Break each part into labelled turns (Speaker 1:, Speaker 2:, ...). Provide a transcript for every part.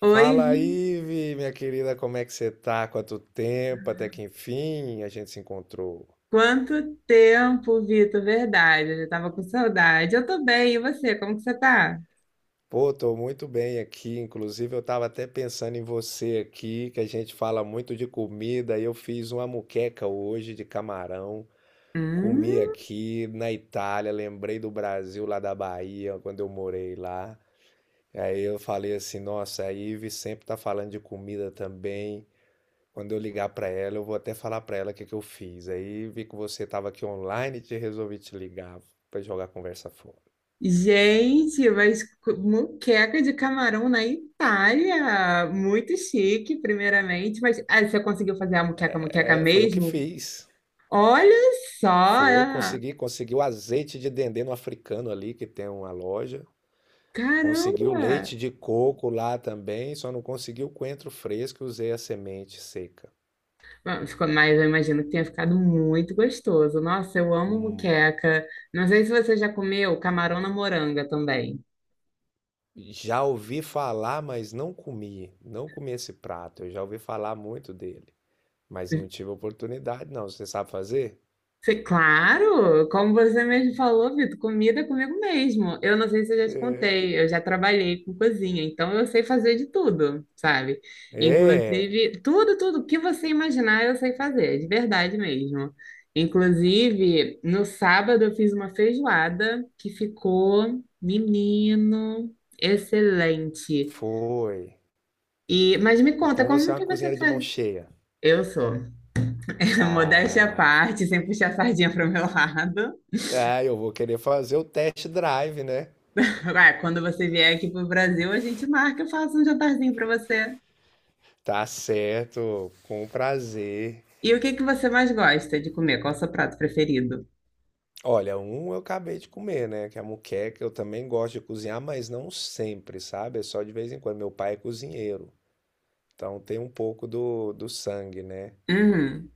Speaker 1: Oi,
Speaker 2: Fala
Speaker 1: Vi.
Speaker 2: aí, Vi, minha querida, como é que você tá? Quanto tempo, até que enfim a gente se encontrou.
Speaker 1: Quanto tempo, Vitor? Verdade, eu já tava com saudade. Eu tô bem, e você? Como que você tá?
Speaker 2: Pô, tô muito bem aqui, inclusive eu tava até pensando em você aqui, que a gente fala muito de comida, e eu fiz uma muqueca hoje de camarão, comi
Speaker 1: Hum,
Speaker 2: aqui na Itália, lembrei do Brasil lá da Bahia, quando eu morei lá. Aí eu falei assim, nossa, a Ive sempre tá falando de comida também. Quando eu ligar para ela, eu vou até falar para ela o que que eu fiz. Aí vi que você estava aqui online, e te resolvi te ligar para jogar a conversa fora.
Speaker 1: gente, mas moqueca de camarão na Itália. Muito chique, primeiramente. Mas você conseguiu fazer a moqueca, moqueca
Speaker 2: É, foi eu que
Speaker 1: mesmo?
Speaker 2: fiz.
Speaker 1: Olha só!
Speaker 2: Foi, consegui o azeite de dendê no africano ali, que tem uma loja. Consegui o
Speaker 1: Caramba!
Speaker 2: leite de coco lá também, só não consegui o coentro fresco, usei a semente seca.
Speaker 1: Ficou, mas eu imagino que tenha ficado muito gostoso. Nossa, eu amo
Speaker 2: Hum.
Speaker 1: moqueca. Não sei se você já comeu camarão na moranga também.
Speaker 2: Já ouvi falar, mas não comi. Não comi esse prato. Eu já ouvi falar muito dele, mas não tive oportunidade, não. Você sabe fazer?
Speaker 1: Claro, como você mesmo falou, Vitor, comida é comigo mesmo. Eu não sei se eu já te contei, eu já trabalhei com cozinha, então eu sei fazer de tudo, sabe?
Speaker 2: É.
Speaker 1: Inclusive, tudo que você imaginar eu sei fazer, de verdade mesmo. Inclusive, no sábado eu fiz uma feijoada que ficou, menino, excelente.
Speaker 2: Foi.
Speaker 1: Mas me conta,
Speaker 2: Então você
Speaker 1: como
Speaker 2: é uma
Speaker 1: que você
Speaker 2: cozinheira de mão
Speaker 1: faz?
Speaker 2: cheia.
Speaker 1: Eu sou, modéstia à
Speaker 2: Ah,
Speaker 1: parte, sem puxar a sardinha para o meu lado.
Speaker 2: eu vou querer fazer o test drive, né?
Speaker 1: Tipo, ah, quando você vier aqui pro Brasil, a gente marca, eu faço um jantarzinho para você.
Speaker 2: Tá certo, com prazer.
Speaker 1: E o que que você mais gosta de comer? Qual é o seu prato preferido?
Speaker 2: Olha, um eu acabei de comer, né? Que é a moqueca. Eu também gosto de cozinhar, mas não sempre, sabe? É só de vez em quando. Meu pai é cozinheiro, então tem um pouco do sangue, né?
Speaker 1: Hum,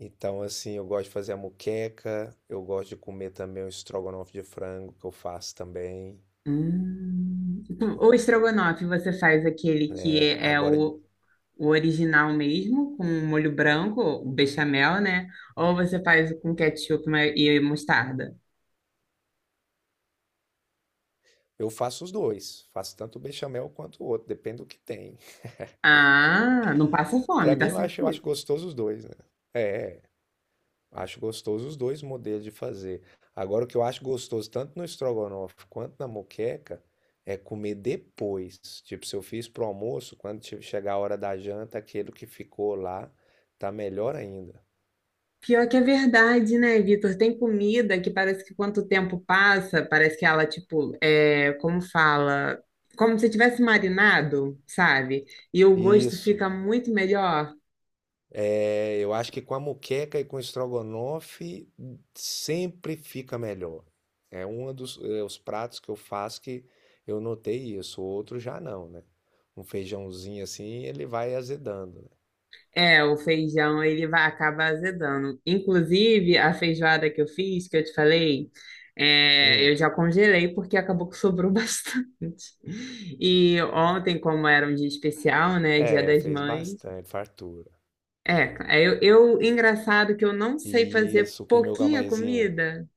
Speaker 2: Então, assim, eu gosto de fazer a moqueca, eu gosto de comer também o estrogonofe de frango que eu faço também.
Speaker 1: hum. O estrogonofe, você faz aquele que
Speaker 2: É,
Speaker 1: é
Speaker 2: Agora,
Speaker 1: o original mesmo, com molho branco, o bechamel, né? Ou você faz com ketchup e mostarda?
Speaker 2: Eu faço os dois. Faço tanto o bechamel quanto o outro, depende do que tem.
Speaker 1: Ah, não passa fome,
Speaker 2: Pra mim,
Speaker 1: tá certo?
Speaker 2: eu acho gostoso os dois, né? É, é, acho gostoso os dois modelos de fazer. Agora, o que eu acho gostoso, tanto no estrogonofe quanto na moqueca, é comer depois. Tipo, se eu fiz pro almoço, quando chegar a hora da janta, aquele que ficou lá tá melhor ainda.
Speaker 1: Pior que é verdade, né, Vitor? Tem comida que parece que quanto tempo passa, parece que ela, tipo, é, como fala, como se tivesse marinado, sabe? E o gosto
Speaker 2: Isso.
Speaker 1: fica muito melhor.
Speaker 2: É, eu acho que com a moqueca e com o estrogonofe sempre fica melhor. Os pratos que eu faço que eu notei isso, o outro já não, né? Um feijãozinho assim, ele vai azedando, né?
Speaker 1: É, o feijão, ele vai acabar azedando. Inclusive, a feijoada que eu fiz, que eu te falei, é,
Speaker 2: Hum,
Speaker 1: eu já congelei porque acabou que sobrou bastante. E ontem, como era um dia especial, né, Dia
Speaker 2: é,
Speaker 1: das
Speaker 2: fez
Speaker 1: Mães,
Speaker 2: bastante, fartura.
Speaker 1: é, eu, engraçado que eu não sei
Speaker 2: E
Speaker 1: fazer
Speaker 2: isso, comeu com a
Speaker 1: pouquinha
Speaker 2: mãezinha.
Speaker 1: comida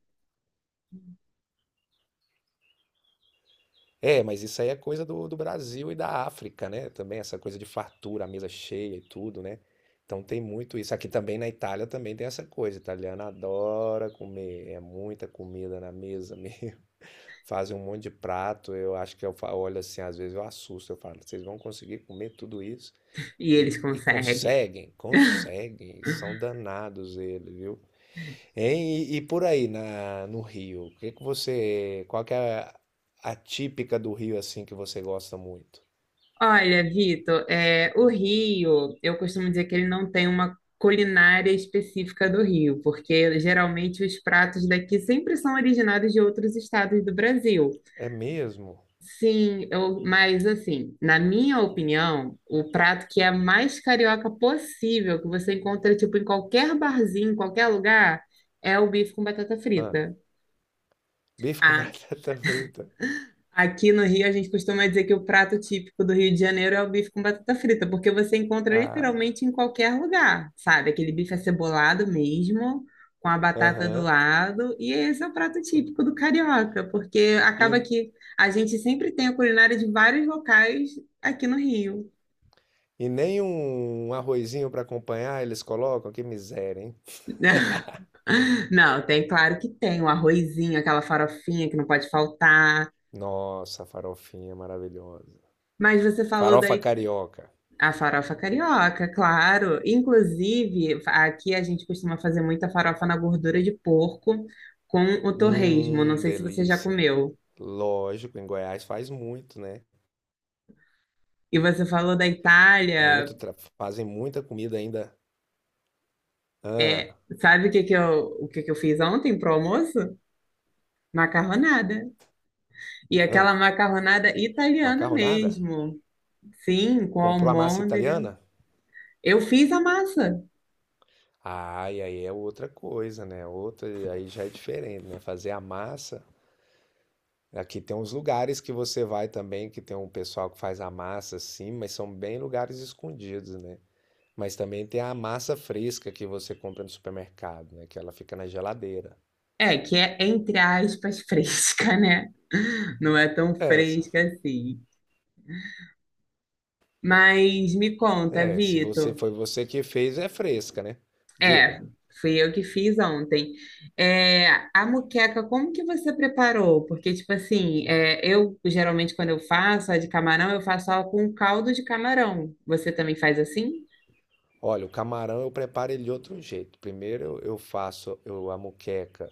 Speaker 2: É, mas isso aí é coisa do Brasil e da África, né? Também essa coisa de fartura, a mesa cheia e tudo, né? Então tem muito isso. Aqui também na Itália também tem essa coisa. Italiano adora comer, é muita comida na mesa mesmo. Fazem um monte de prato. Eu acho que olho assim, às vezes eu assusto. Eu falo, vocês vão conseguir comer tudo isso?
Speaker 1: e eles conseguem.
Speaker 2: Conseguem. São danados eles, viu? Hein? E por aí no Rio, o que que você, qual que é a típica do Rio assim que você gosta muito?
Speaker 1: Olha, Vitor, é, o Rio, eu costumo dizer que ele não tem uma culinária específica do Rio, porque geralmente os pratos daqui sempre são originados de outros estados do Brasil.
Speaker 2: É mesmo?
Speaker 1: Sim, eu, mas assim, na minha opinião, o prato que é mais carioca possível, que você encontra tipo em qualquer barzinho, em qualquer lugar, é o bife com batata
Speaker 2: Ah,
Speaker 1: frita.
Speaker 2: bife com
Speaker 1: A
Speaker 2: batata frita.
Speaker 1: Aqui no Rio, a gente costuma dizer que o prato típico do Rio de Janeiro é o bife com batata frita, porque você encontra
Speaker 2: Ah,
Speaker 1: literalmente em qualquer lugar, sabe? Aquele bife acebolado mesmo, com a batata do
Speaker 2: aham.
Speaker 1: lado, e esse é o prato típico do carioca, porque acaba
Speaker 2: E,
Speaker 1: que a gente sempre tem a culinária de vários locais aqui no Rio.
Speaker 2: e nem um arrozinho para acompanhar eles colocam? Que miséria, hein?
Speaker 1: Não, tem, claro que tem, o arrozinho, aquela farofinha que não pode faltar.
Speaker 2: Nossa, farofinha maravilhosa.
Speaker 1: Mas você falou
Speaker 2: Farofa
Speaker 1: daí
Speaker 2: carioca.
Speaker 1: a farofa carioca, claro. Inclusive, aqui a gente costuma fazer muita farofa na gordura de porco com o torresmo. Não sei se você já
Speaker 2: Delícia.
Speaker 1: comeu.
Speaker 2: Lógico, em Goiás faz muito, né?
Speaker 1: E você falou da Itália.
Speaker 2: Muito, fazem muita comida ainda. Ah,
Speaker 1: É, sabe o que que eu, o que que eu fiz ontem pro almoço? Macarronada. E
Speaker 2: ah.
Speaker 1: aquela macarronada italiana
Speaker 2: Macarronada?
Speaker 1: mesmo. Sim, com
Speaker 2: Comprou a massa
Speaker 1: almôndega.
Speaker 2: italiana?
Speaker 1: Eu fiz a massa.
Speaker 2: Ai, aí é outra coisa, né? Outra, aí já é diferente, né? Fazer a massa. Aqui tem uns lugares que você vai também, que tem um pessoal que faz a massa assim, mas são bem lugares escondidos, né? Mas também tem a massa fresca que você compra no supermercado, né? Que ela fica na geladeira.
Speaker 1: É, que é entre aspas fresca, né? Não é tão
Speaker 2: É, se-
Speaker 1: fresca assim. Mas me conta,
Speaker 2: se
Speaker 1: Vitor.
Speaker 2: você foi você que fez, é fresca, né?
Speaker 1: É,
Speaker 2: Diga.
Speaker 1: fui eu que fiz ontem. É, a moqueca, como que você preparou? Porque, tipo assim, é, eu geralmente quando eu faço a de camarão, eu faço ela com caldo de camarão. Você também faz assim?
Speaker 2: Olha, o camarão eu preparo ele de outro jeito. Primeiro eu faço a muqueca.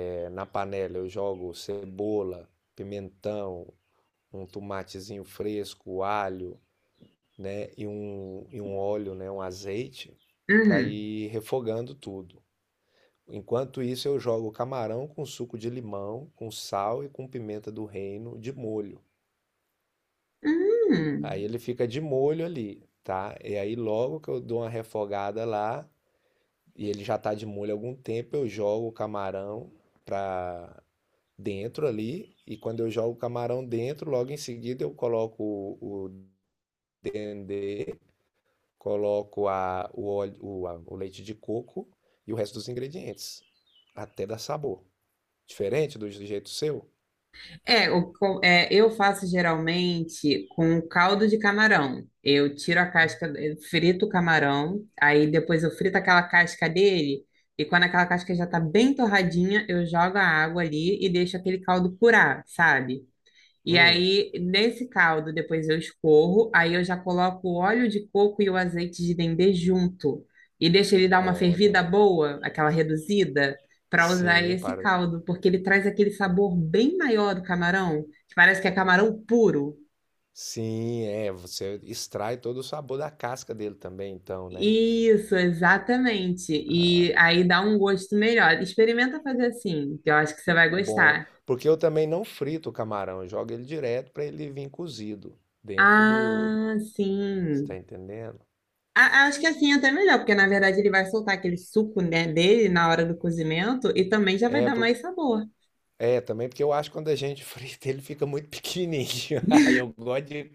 Speaker 2: É. Na panela eu jogo cebola, pimentão, um tomatezinho fresco, alho, né, e um óleo, né, um azeite, para
Speaker 1: Uhum.
Speaker 2: ir refogando tudo. Enquanto isso, eu jogo o camarão com suco de limão, com sal e com pimenta do reino de molho. Aí
Speaker 1: Hum.
Speaker 2: ele fica de molho ali, tá? E aí logo que eu dou uma refogada lá, e ele já tá de molho há algum tempo, eu jogo o camarão para dentro ali, e quando eu jogo o camarão dentro, logo em seguida eu coloco o dendê, coloco a, o, óleo, o, a- o leite de coco e o resto dos ingredientes, até dar sabor. Diferente do jeito seu?
Speaker 1: É, é, eu faço geralmente com caldo de camarão. Eu tiro a casca, eu frito o camarão, aí depois eu frito aquela casca dele, e quando aquela casca já tá bem torradinha, eu jogo a água ali e deixo aquele caldo curar, sabe? E
Speaker 2: Hum,
Speaker 1: aí, nesse caldo, depois eu escorro, aí eu já coloco o óleo de coco e o azeite de dendê junto. E deixo ele dar uma fervida
Speaker 2: olha,
Speaker 1: boa, aquela reduzida, para usar
Speaker 2: sim,
Speaker 1: esse
Speaker 2: para.
Speaker 1: caldo, porque ele traz aquele sabor bem maior do camarão, que parece que é camarão puro.
Speaker 2: Sim, é, você extrai todo o sabor da casca dele também, então, né?
Speaker 1: Isso, exatamente.
Speaker 2: Ah,
Speaker 1: E aí dá um gosto melhor. Experimenta fazer assim, que eu acho que você vai
Speaker 2: bom,
Speaker 1: gostar.
Speaker 2: porque eu também não frito o camarão, eu jogo ele direto para ele vir cozido dentro do,
Speaker 1: Ah,
Speaker 2: você tá
Speaker 1: sim.
Speaker 2: entendendo?
Speaker 1: Acho que assim é até melhor, porque na verdade ele vai soltar aquele suco, né, dele na hora do cozimento e também já vai
Speaker 2: É,
Speaker 1: dar
Speaker 2: por-
Speaker 1: mais sabor.
Speaker 2: É, também porque eu acho que quando a gente frita, ele fica muito pequenininho. Aí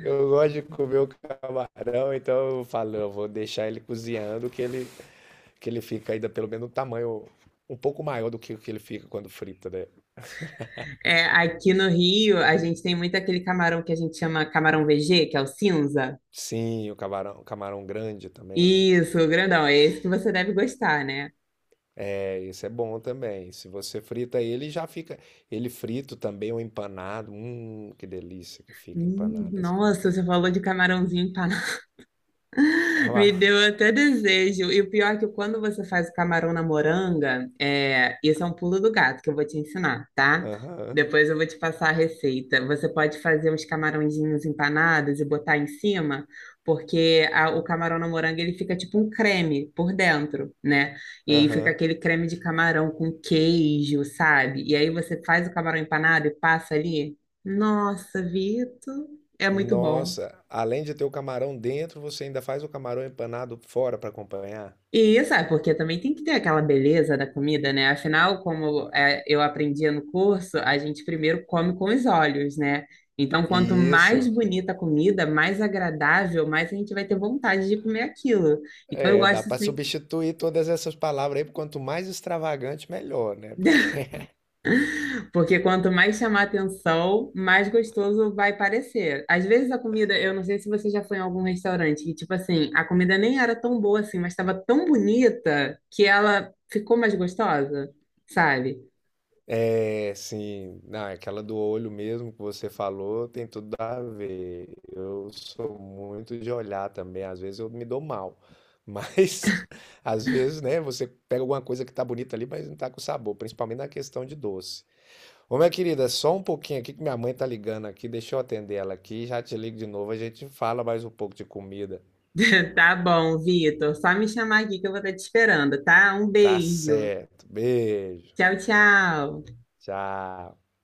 Speaker 2: eu gosto de comer o camarão, então eu falo, eu vou deixar ele cozinhando, que ele fica ainda pelo menos um tamanho um pouco maior do que o que ele fica quando frita, né?
Speaker 1: É, aqui no Rio, a gente tem muito aquele camarão que a gente chama camarão VG, que é o cinza.
Speaker 2: Sim, o camarão grande também, né?
Speaker 1: Isso, grandão, é esse que você deve gostar, né?
Speaker 2: É, esse é bom também. Se você frita ele, já fica. Ele frito também, ou empanado. Que delícia que fica empanado esse camarão.
Speaker 1: Nossa, você falou de camarãozinho empanado. Me
Speaker 2: Camarão.
Speaker 1: deu até desejo. E o pior é que quando você faz o camarão na moranga, é, isso é um pulo do gato que eu vou te ensinar, tá?
Speaker 2: Aham,
Speaker 1: Depois eu vou te passar a receita. Você pode fazer uns camarõezinhos empanados e botar em cima, porque o camarão na moranga ele fica tipo um creme por dentro, né? E aí fica
Speaker 2: aham.
Speaker 1: aquele creme de camarão com queijo, sabe? E aí você faz o camarão empanado e passa ali. Nossa, Vitor, é muito bom.
Speaker 2: Nossa, além de ter o camarão dentro, você ainda faz o camarão empanado fora para acompanhar?
Speaker 1: E isso é porque também tem que ter aquela beleza da comida, né? Afinal, como é, eu aprendia no curso, a gente primeiro come com os olhos, né? Então, quanto mais
Speaker 2: Isso.
Speaker 1: bonita a comida, mais agradável, mais a gente vai ter vontade de comer aquilo. Então, eu
Speaker 2: É, dá
Speaker 1: gosto
Speaker 2: para
Speaker 1: sempre,
Speaker 2: substituir todas essas palavras aí, por quanto mais extravagante, melhor, né? Porque
Speaker 1: porque quanto mais chamar atenção, mais gostoso vai parecer. Às vezes a comida, eu não sei se você já foi em algum restaurante, que tipo assim, a comida nem era tão boa assim, mas estava tão bonita que ela ficou mais gostosa, sabe?
Speaker 2: é, sim, não, é aquela do olho mesmo que você falou tem tudo a ver. Eu sou muito de olhar também, às vezes eu me dou mal. Mas às vezes, né, você pega alguma coisa que tá bonita ali, mas não tá com sabor, principalmente na questão de doce. Ô, minha querida, é só um pouquinho aqui que minha mãe tá ligando aqui. Deixa eu atender ela aqui. Já te ligo de novo. A gente fala mais um pouco de comida.
Speaker 1: Tá bom, Vitor. Só me chamar aqui que eu vou estar te esperando, tá? Um
Speaker 2: Tá
Speaker 1: beijo.
Speaker 2: certo. Beijo.
Speaker 1: Tchau, tchau.
Speaker 2: Tchau.